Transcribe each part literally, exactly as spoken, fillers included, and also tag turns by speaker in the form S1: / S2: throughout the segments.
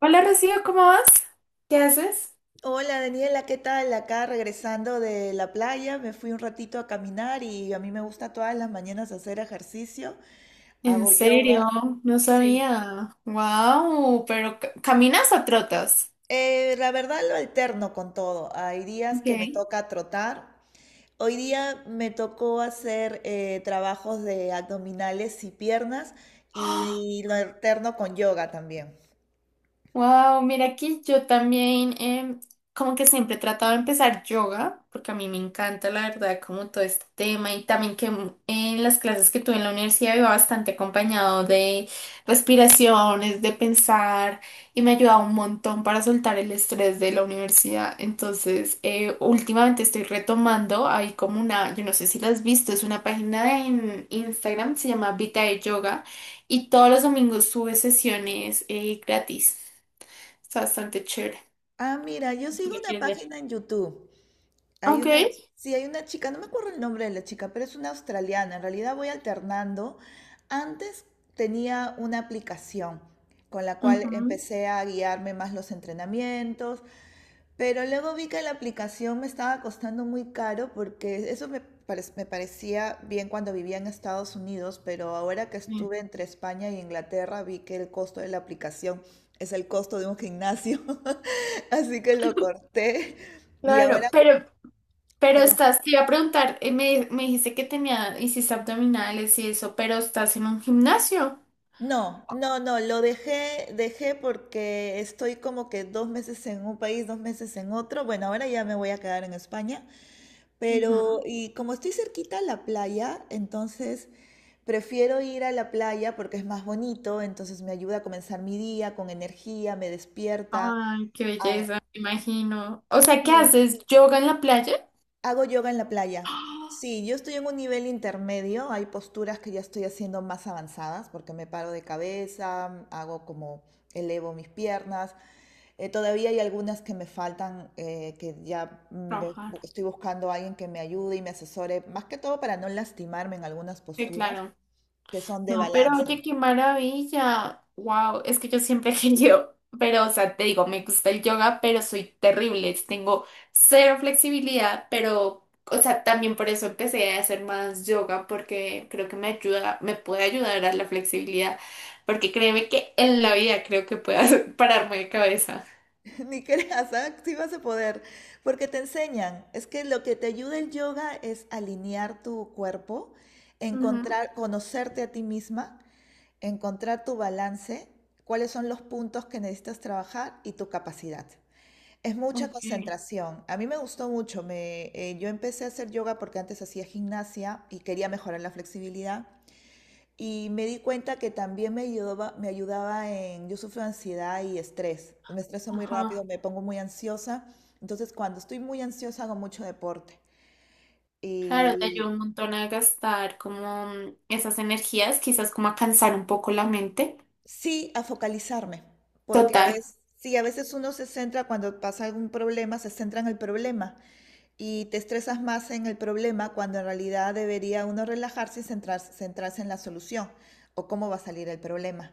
S1: Hola Rocío, ¿cómo vas? ¿Qué haces?
S2: Hola Daniela, ¿qué tal? Acá regresando de la playa, me fui un ratito a caminar y a mí me gusta todas las mañanas hacer ejercicio,
S1: ¿En
S2: hago
S1: serio?
S2: yoga.
S1: No
S2: Sí.
S1: sabía. Wow, pero ca- ¿caminas o trotas?
S2: Eh, la verdad lo alterno con todo. Hay días que me
S1: Ok.
S2: toca trotar. Hoy día me tocó hacer eh, trabajos de abdominales y piernas y lo alterno con yoga también.
S1: Wow, mira que yo también em, como que siempre he tratado de empezar yoga, porque a mí me encanta la verdad como todo este tema y también que mm, en las clases que tuve en la universidad iba bastante acompañado de respiraciones, de pensar y me ha ayudado un montón para soltar el estrés de la universidad. Entonces, eh, últimamente estoy retomando, hay como una, yo no sé si la has visto, es una página en Instagram, se llama Vita de Yoga y todos los domingos sube sesiones eh, gratis. Está bastante chévere.
S2: Ah, mira, yo
S1: Si
S2: sigo
S1: lo
S2: una
S1: quieres ver.
S2: página en YouTube. Hay
S1: Ok.
S2: una, sí, hay una chica, no me acuerdo el nombre de la chica, pero es una australiana. En realidad voy alternando. Antes tenía una aplicación con la cual
S1: Ujú.
S2: empecé a guiarme más los entrenamientos, pero luego vi que la aplicación me estaba costando muy caro porque eso me, parec- me parecía bien cuando vivía en Estados Unidos, pero ahora que
S1: Sí.
S2: estuve entre España y Inglaterra vi que el costo de la aplicación es el costo de un gimnasio, así que lo corté y ahora...
S1: Claro, pero, pero estás, te iba a preguntar, eh, me, me dijiste que tenía, hiciste abdominales y eso, pero estás en un gimnasio.
S2: No, no, no, lo dejé, dejé porque estoy como que dos meses en un país, dos meses en otro. Bueno, ahora ya me voy a quedar en España, pero
S1: Ujú.
S2: y como estoy cerquita a la playa, entonces prefiero ir a la playa porque es más bonito, entonces me ayuda a comenzar mi día con energía, me despierta.
S1: Ay, qué
S2: Ah,
S1: belleza, me imagino. O sea, ¿qué
S2: sí,
S1: haces? ¿Yoga en la playa?
S2: hago yoga en la playa.
S1: ¡Ah!
S2: Sí, yo estoy en un nivel intermedio, hay posturas que ya estoy haciendo más avanzadas porque me paro de cabeza, hago como elevo mis piernas. Eh, todavía hay algunas que me faltan, eh, que ya mm, ve- bu-
S1: Trabajar.
S2: estoy buscando a alguien que me ayude y me asesore, más que todo para no lastimarme en algunas
S1: Sí,
S2: posturas
S1: claro.
S2: que son de
S1: No, pero
S2: balance.
S1: oye, qué maravilla. Wow, es que yo siempre he querido, pero o sea, te digo, me gusta el yoga, pero soy terrible. Tengo cero flexibilidad, pero o sea, también por eso empecé a hacer más yoga porque creo que me ayuda, me puede ayudar a la flexibilidad, porque créeme que en la vida creo que puedo pararme de cabeza.
S2: Ni creas, ¿ah? Sí vas a poder, porque te enseñan. Es que lo que te ayuda el yoga es alinear tu cuerpo,
S1: Ujú,
S2: encontrar, conocerte a ti misma, encontrar tu balance, cuáles son los puntos que necesitas trabajar y tu capacidad. Es mucha
S1: ok.
S2: concentración. A mí me gustó mucho. Me, eh, yo empecé a hacer yoga porque antes hacía gimnasia y quería mejorar la flexibilidad. Y me di cuenta que también me ayudaba, me ayudaba en... Yo sufro de ansiedad y estrés. Me estreso muy rápido,
S1: Ajá.
S2: me pongo muy ansiosa. Entonces, cuando estoy muy ansiosa, hago mucho deporte.
S1: Claro, te
S2: Y
S1: ayuda un montón a gastar como mm, esas energías, quizás como a cansar un poco la mente.
S2: sí, a focalizarme. Porque a
S1: Total.
S2: veces, sí, a veces uno se centra cuando pasa algún problema, se centra en el problema, y te estresas más en el problema cuando en realidad debería uno relajarse y centrarse, centrarse en la solución o cómo va a salir el problema.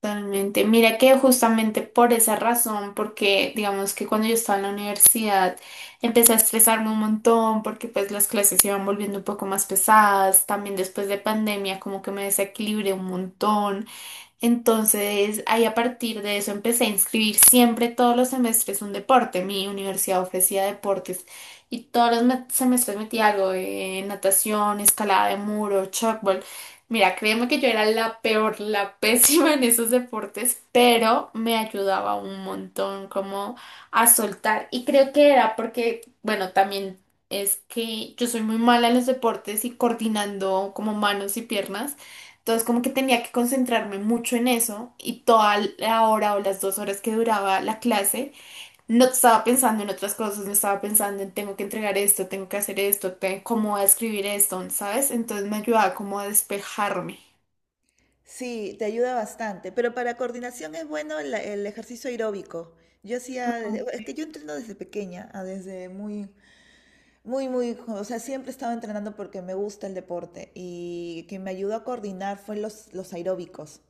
S1: Totalmente. Mira que justamente por esa razón, porque digamos que cuando yo estaba en la universidad empecé a estresarme un montón porque pues las clases se iban volviendo un poco más pesadas, también después de pandemia como que me desequilibré un montón. Entonces, ahí a partir de eso empecé a inscribir siempre todos los semestres un deporte. Mi universidad ofrecía deportes y todos los me- semestres metía algo de natación, escalada de muro, shotball. Mira, créeme que yo era la peor, la pésima en esos deportes, pero me ayudaba un montón como a soltar. Y creo que era porque, bueno, también es que yo soy muy mala en los deportes y coordinando como manos y piernas. Entonces como que tenía que concentrarme mucho en eso y toda la hora o las dos horas que duraba la clase no estaba pensando en otras cosas, no estaba pensando en tengo que entregar esto, tengo que hacer esto, te- cómo voy a escribir esto, ¿sabes? Entonces me ayudaba como a despejarme.
S2: Sí, te ayuda bastante, pero para coordinación es bueno el, el ejercicio aeróbico. Yo hacía, desde- es que yo entreno desde pequeña, ah, desde muy, muy, muy, jo- o sea, siempre estaba entrenando porque me gusta el deporte y que me ayudó a coordinar fue los, los aeróbicos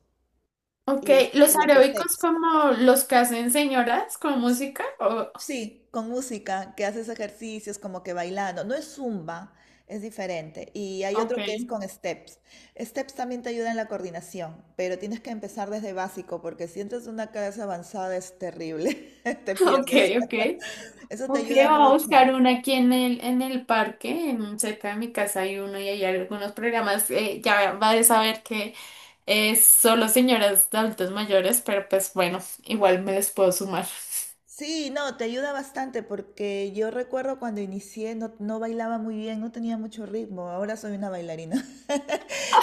S1: Ok,
S2: y, es-
S1: los
S2: y los
S1: aeróbicos
S2: steps.
S1: como los que hacen señoras con música. O-
S2: Sí, con música, que haces ejercicios como que bailando. No es zumba, es diferente. Y hay otro que es
S1: ok,
S2: con steps. Steps también te ayuda en la coordinación, pero tienes que empezar desde básico porque si entras en una clase avanzada es terrible, te
S1: ok,
S2: pierdes.
S1: ok.
S2: Eso te
S1: Ok, voy
S2: ayuda
S1: a
S2: mucho.
S1: buscar una aquí en el, en el parque, en- cerca de mi casa hay uno y hay algunos programas. eh, ya vas a saber que es solo señoras de adultos mayores, pero pues bueno, igual me les puedo sumar.
S2: Sí, no, te ayuda bastante porque yo recuerdo cuando inicié no, no bailaba muy bien, no tenía mucho ritmo. Ahora soy una bailarina.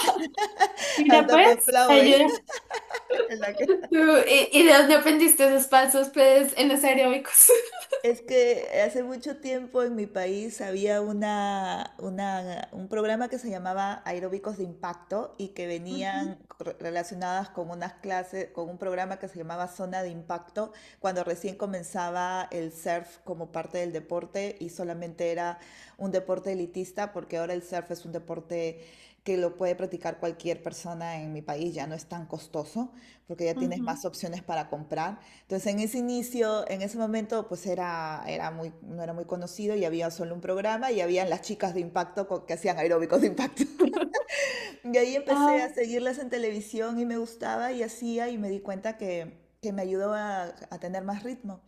S1: Mira,
S2: Hasta me
S1: pues, te
S2: aplauden.
S1: ayuda.
S2: En la que-
S1: ¿Tú, y, y de dónde aprendiste esos pasos, pues, en los aeróbicos?
S2: Es que hace mucho tiempo en mi país había una, una- un programa que se llamaba Aeróbicos de Impacto y que venían
S1: Ujú,
S2: cor- relacionadas con unas clases, con un programa que se llamaba Zona de Impacto, cuando recién comenzaba el surf como parte del deporte y solamente era un deporte elitista, porque ahora el surf es un deporte que lo puede practicar cualquier persona en mi país, ya no es tan costoso, porque ya tienes
S1: ujú.
S2: más opciones para comprar. Entonces, en ese inicio, en ese momento, pues era, era muy, no era muy conocido y había solo un programa y habían las chicas de impacto co- que hacían aeróbicos de impacto. Y ahí empecé
S1: Ah,
S2: a seguirlas en televisión y me gustaba y hacía y me di cuenta que, que me ayudó a, a tener más ritmo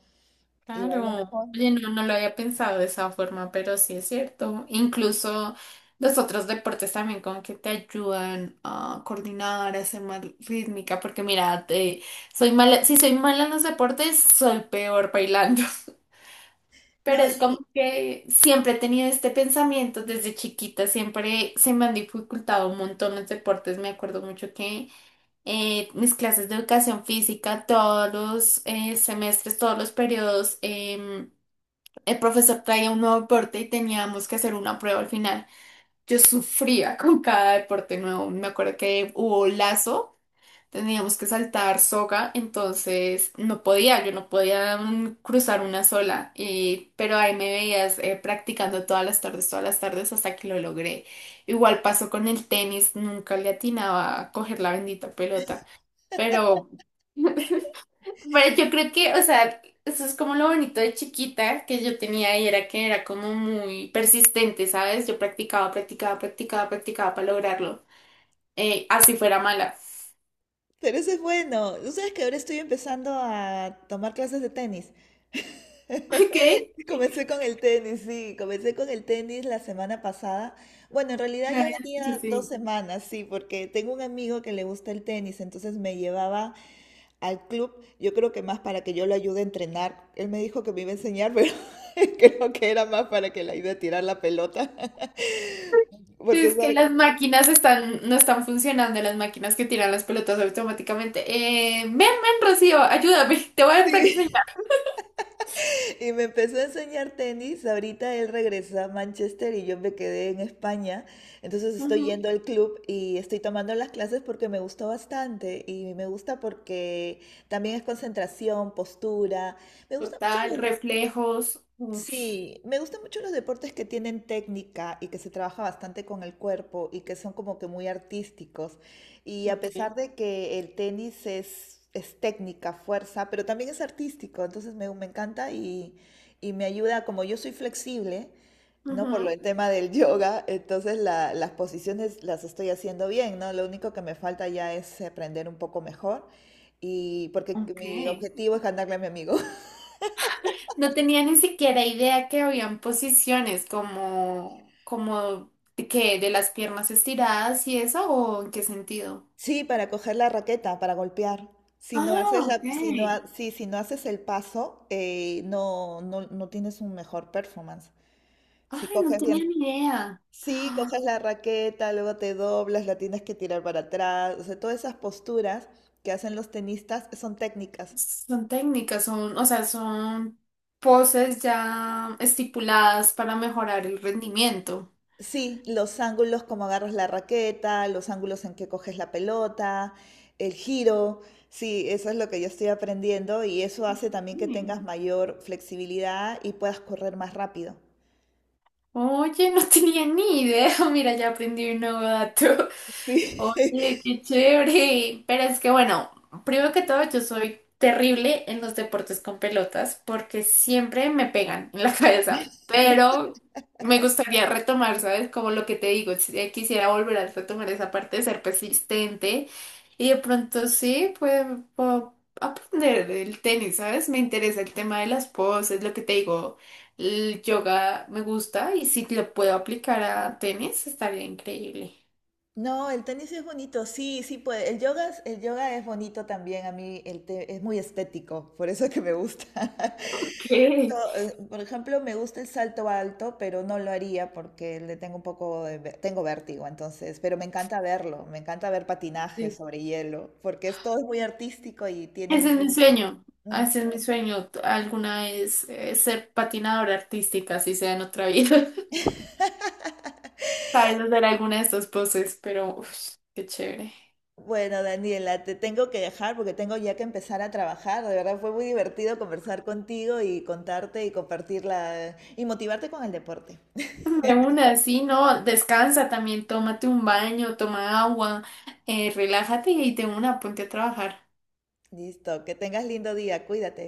S2: y bailo
S1: claro.
S2: mejor.
S1: Oye, no, no lo había pensado de esa forma, pero sí es cierto. Incluso los otros deportes también como que te ayudan a coordinar, a ser más rítmica, porque mira, te- soy mala, si soy mala en los deportes, soy peor bailando.
S2: No,
S1: Pero es como
S2: y,
S1: que siempre he tenido este pensamiento desde chiquita, siempre se me han dificultado un montón los deportes. Me acuerdo mucho que eh, mis clases de educación física, todos los eh, semestres, todos los periodos, em, el profesor traía un nuevo deporte y teníamos que hacer una prueba al final. Yo sufría con cada deporte nuevo. Me acuerdo que hubo lazo. Teníamos que saltar soga, entonces no podía, yo no podía mm, cruzar una sola, y, pero ahí me veías eh, practicando todas las tardes, todas las tardes hasta que lo logré. Igual pasó con el tenis, nunca le atinaba a coger la bendita pelota, pero, pero yo creo que, o sea, eso es como lo bonito de chiquita que yo tenía y era que era como muy persistente, ¿sabes? Yo practicaba, practicaba, practicaba, practicaba para lograrlo, eh, así fuera mala.
S2: pero eso es bueno. Tú sabes que ahora estoy empezando a tomar clases de tenis.
S1: ¿Ok?
S2: Sí, comencé con el tenis, sí, comencé con el tenis la semana pasada. Bueno, en realidad
S1: Me
S2: ya
S1: habías dicho,
S2: venía dos
S1: sí.
S2: semanas, sí, porque tengo un amigo que le gusta el tenis, entonces me llevaba al club, yo creo que más para que yo lo ayude a entrenar. Él me dijo que me iba a enseñar, pero creo que era más para que le ayude a tirar la pelota. Porque,
S1: Es que
S2: ¿sabe?
S1: las máquinas están, no están funcionando, las máquinas que tiran las pelotas automáticamente. Eh, ven, ven, Rocío, ayúdame, te voy a enseñar.
S2: Sí. Y me empezó a enseñar tenis. Ahorita él regresa a Manchester y yo me quedé en España. Entonces estoy
S1: Ujú.
S2: yendo al club y estoy tomando las clases porque me gustó bastante. Y me gusta porque también es concentración, postura. Me gusta mucho.
S1: Total, reflejos. Uf,
S2: Sí, me gustan mucho los deportes que tienen técnica y que se trabaja bastante con el cuerpo y que son como que muy artísticos. Y a pesar
S1: ok.
S2: de que el tenis es, es técnica, fuerza, pero también es artístico, entonces me, me encanta y, y me ayuda, como yo soy flexible, ¿no? Por lo
S1: Ujú,
S2: el tema del yoga, entonces la- las posiciones las estoy haciendo bien, ¿no? Lo único que me falta ya es aprender un poco mejor y porque
S1: ok.
S2: mi objetivo es ganarle a mi amigo.
S1: No tenía ni siquiera idea que habían posiciones como, como de que de las piernas estiradas y eso, o en qué sentido.
S2: Sí, para coger la raqueta, para golpear. Si no
S1: Ah,
S2: haces
S1: ok.
S2: la, si no,
S1: Ay,
S2: ha- sí, si no haces el paso, eh, no, no, no tienes un mejor performance. Si
S1: no
S2: coges
S1: tenía
S2: bien,
S1: ni idea.
S2: sí, coges la raqueta, luego te doblas, la tienes que tirar para atrás. O sea, todas esas posturas que hacen los tenistas son técnicas.
S1: Son técnicas, son, o sea, son poses ya estipuladas para mejorar el rendimiento.
S2: Sí, los ángulos como agarras la raqueta, los ángulos en que coges la pelota, el giro. Sí, eso es lo que yo estoy aprendiendo y eso hace también que tengas mayor flexibilidad y puedas correr más rápido.
S1: Oye, no tenía ni idea. Mira, ya aprendí un nuevo dato.
S2: Sí.
S1: Oye, qué chévere. Pero es que bueno, primero que todo, yo soy terrible en los deportes con pelotas porque siempre me pegan en la cabeza. Pero me gustaría retomar, ¿sabes? Como lo que te digo, si- quisiera volver a retomar esa parte de ser persistente y de pronto sí, pues puedo aprender el tenis, ¿sabes? Me interesa el tema de las poses, lo que te digo. El yoga me gusta y si lo puedo aplicar a tenis estaría increíble.
S2: No, el tenis es bonito, sí, sí puede. El yoga, es- el yoga es bonito también, a mí el te- es muy estético, por eso que me gusta.
S1: Ok.
S2: Salto, eh, por ejemplo, me gusta el salto alto, pero no lo haría porque le tengo un poco de, ve- tengo vértigo, entonces, pero me encanta verlo, me encanta ver patinaje
S1: Sí.
S2: sobre hielo, porque es todo es muy artístico y tienen
S1: Ese es mi
S2: mucho.
S1: sueño,
S2: Mm.
S1: ese es mi sueño. Alguna vez eh, ser patinadora artística, si sea en otra vida. Sabes hacer alguna de estas poses, pero uf, qué chévere.
S2: Bueno, Daniela, te tengo que dejar porque tengo ya que empezar a trabajar. De verdad fue muy divertido conversar contigo y contarte y compartirla y motivarte con el deporte.
S1: De una, sí, no, descansa también, tómate un baño, toma agua, eh, relájate y de una, ponte a trabajar.
S2: Listo, que tengas lindo día, cuídate.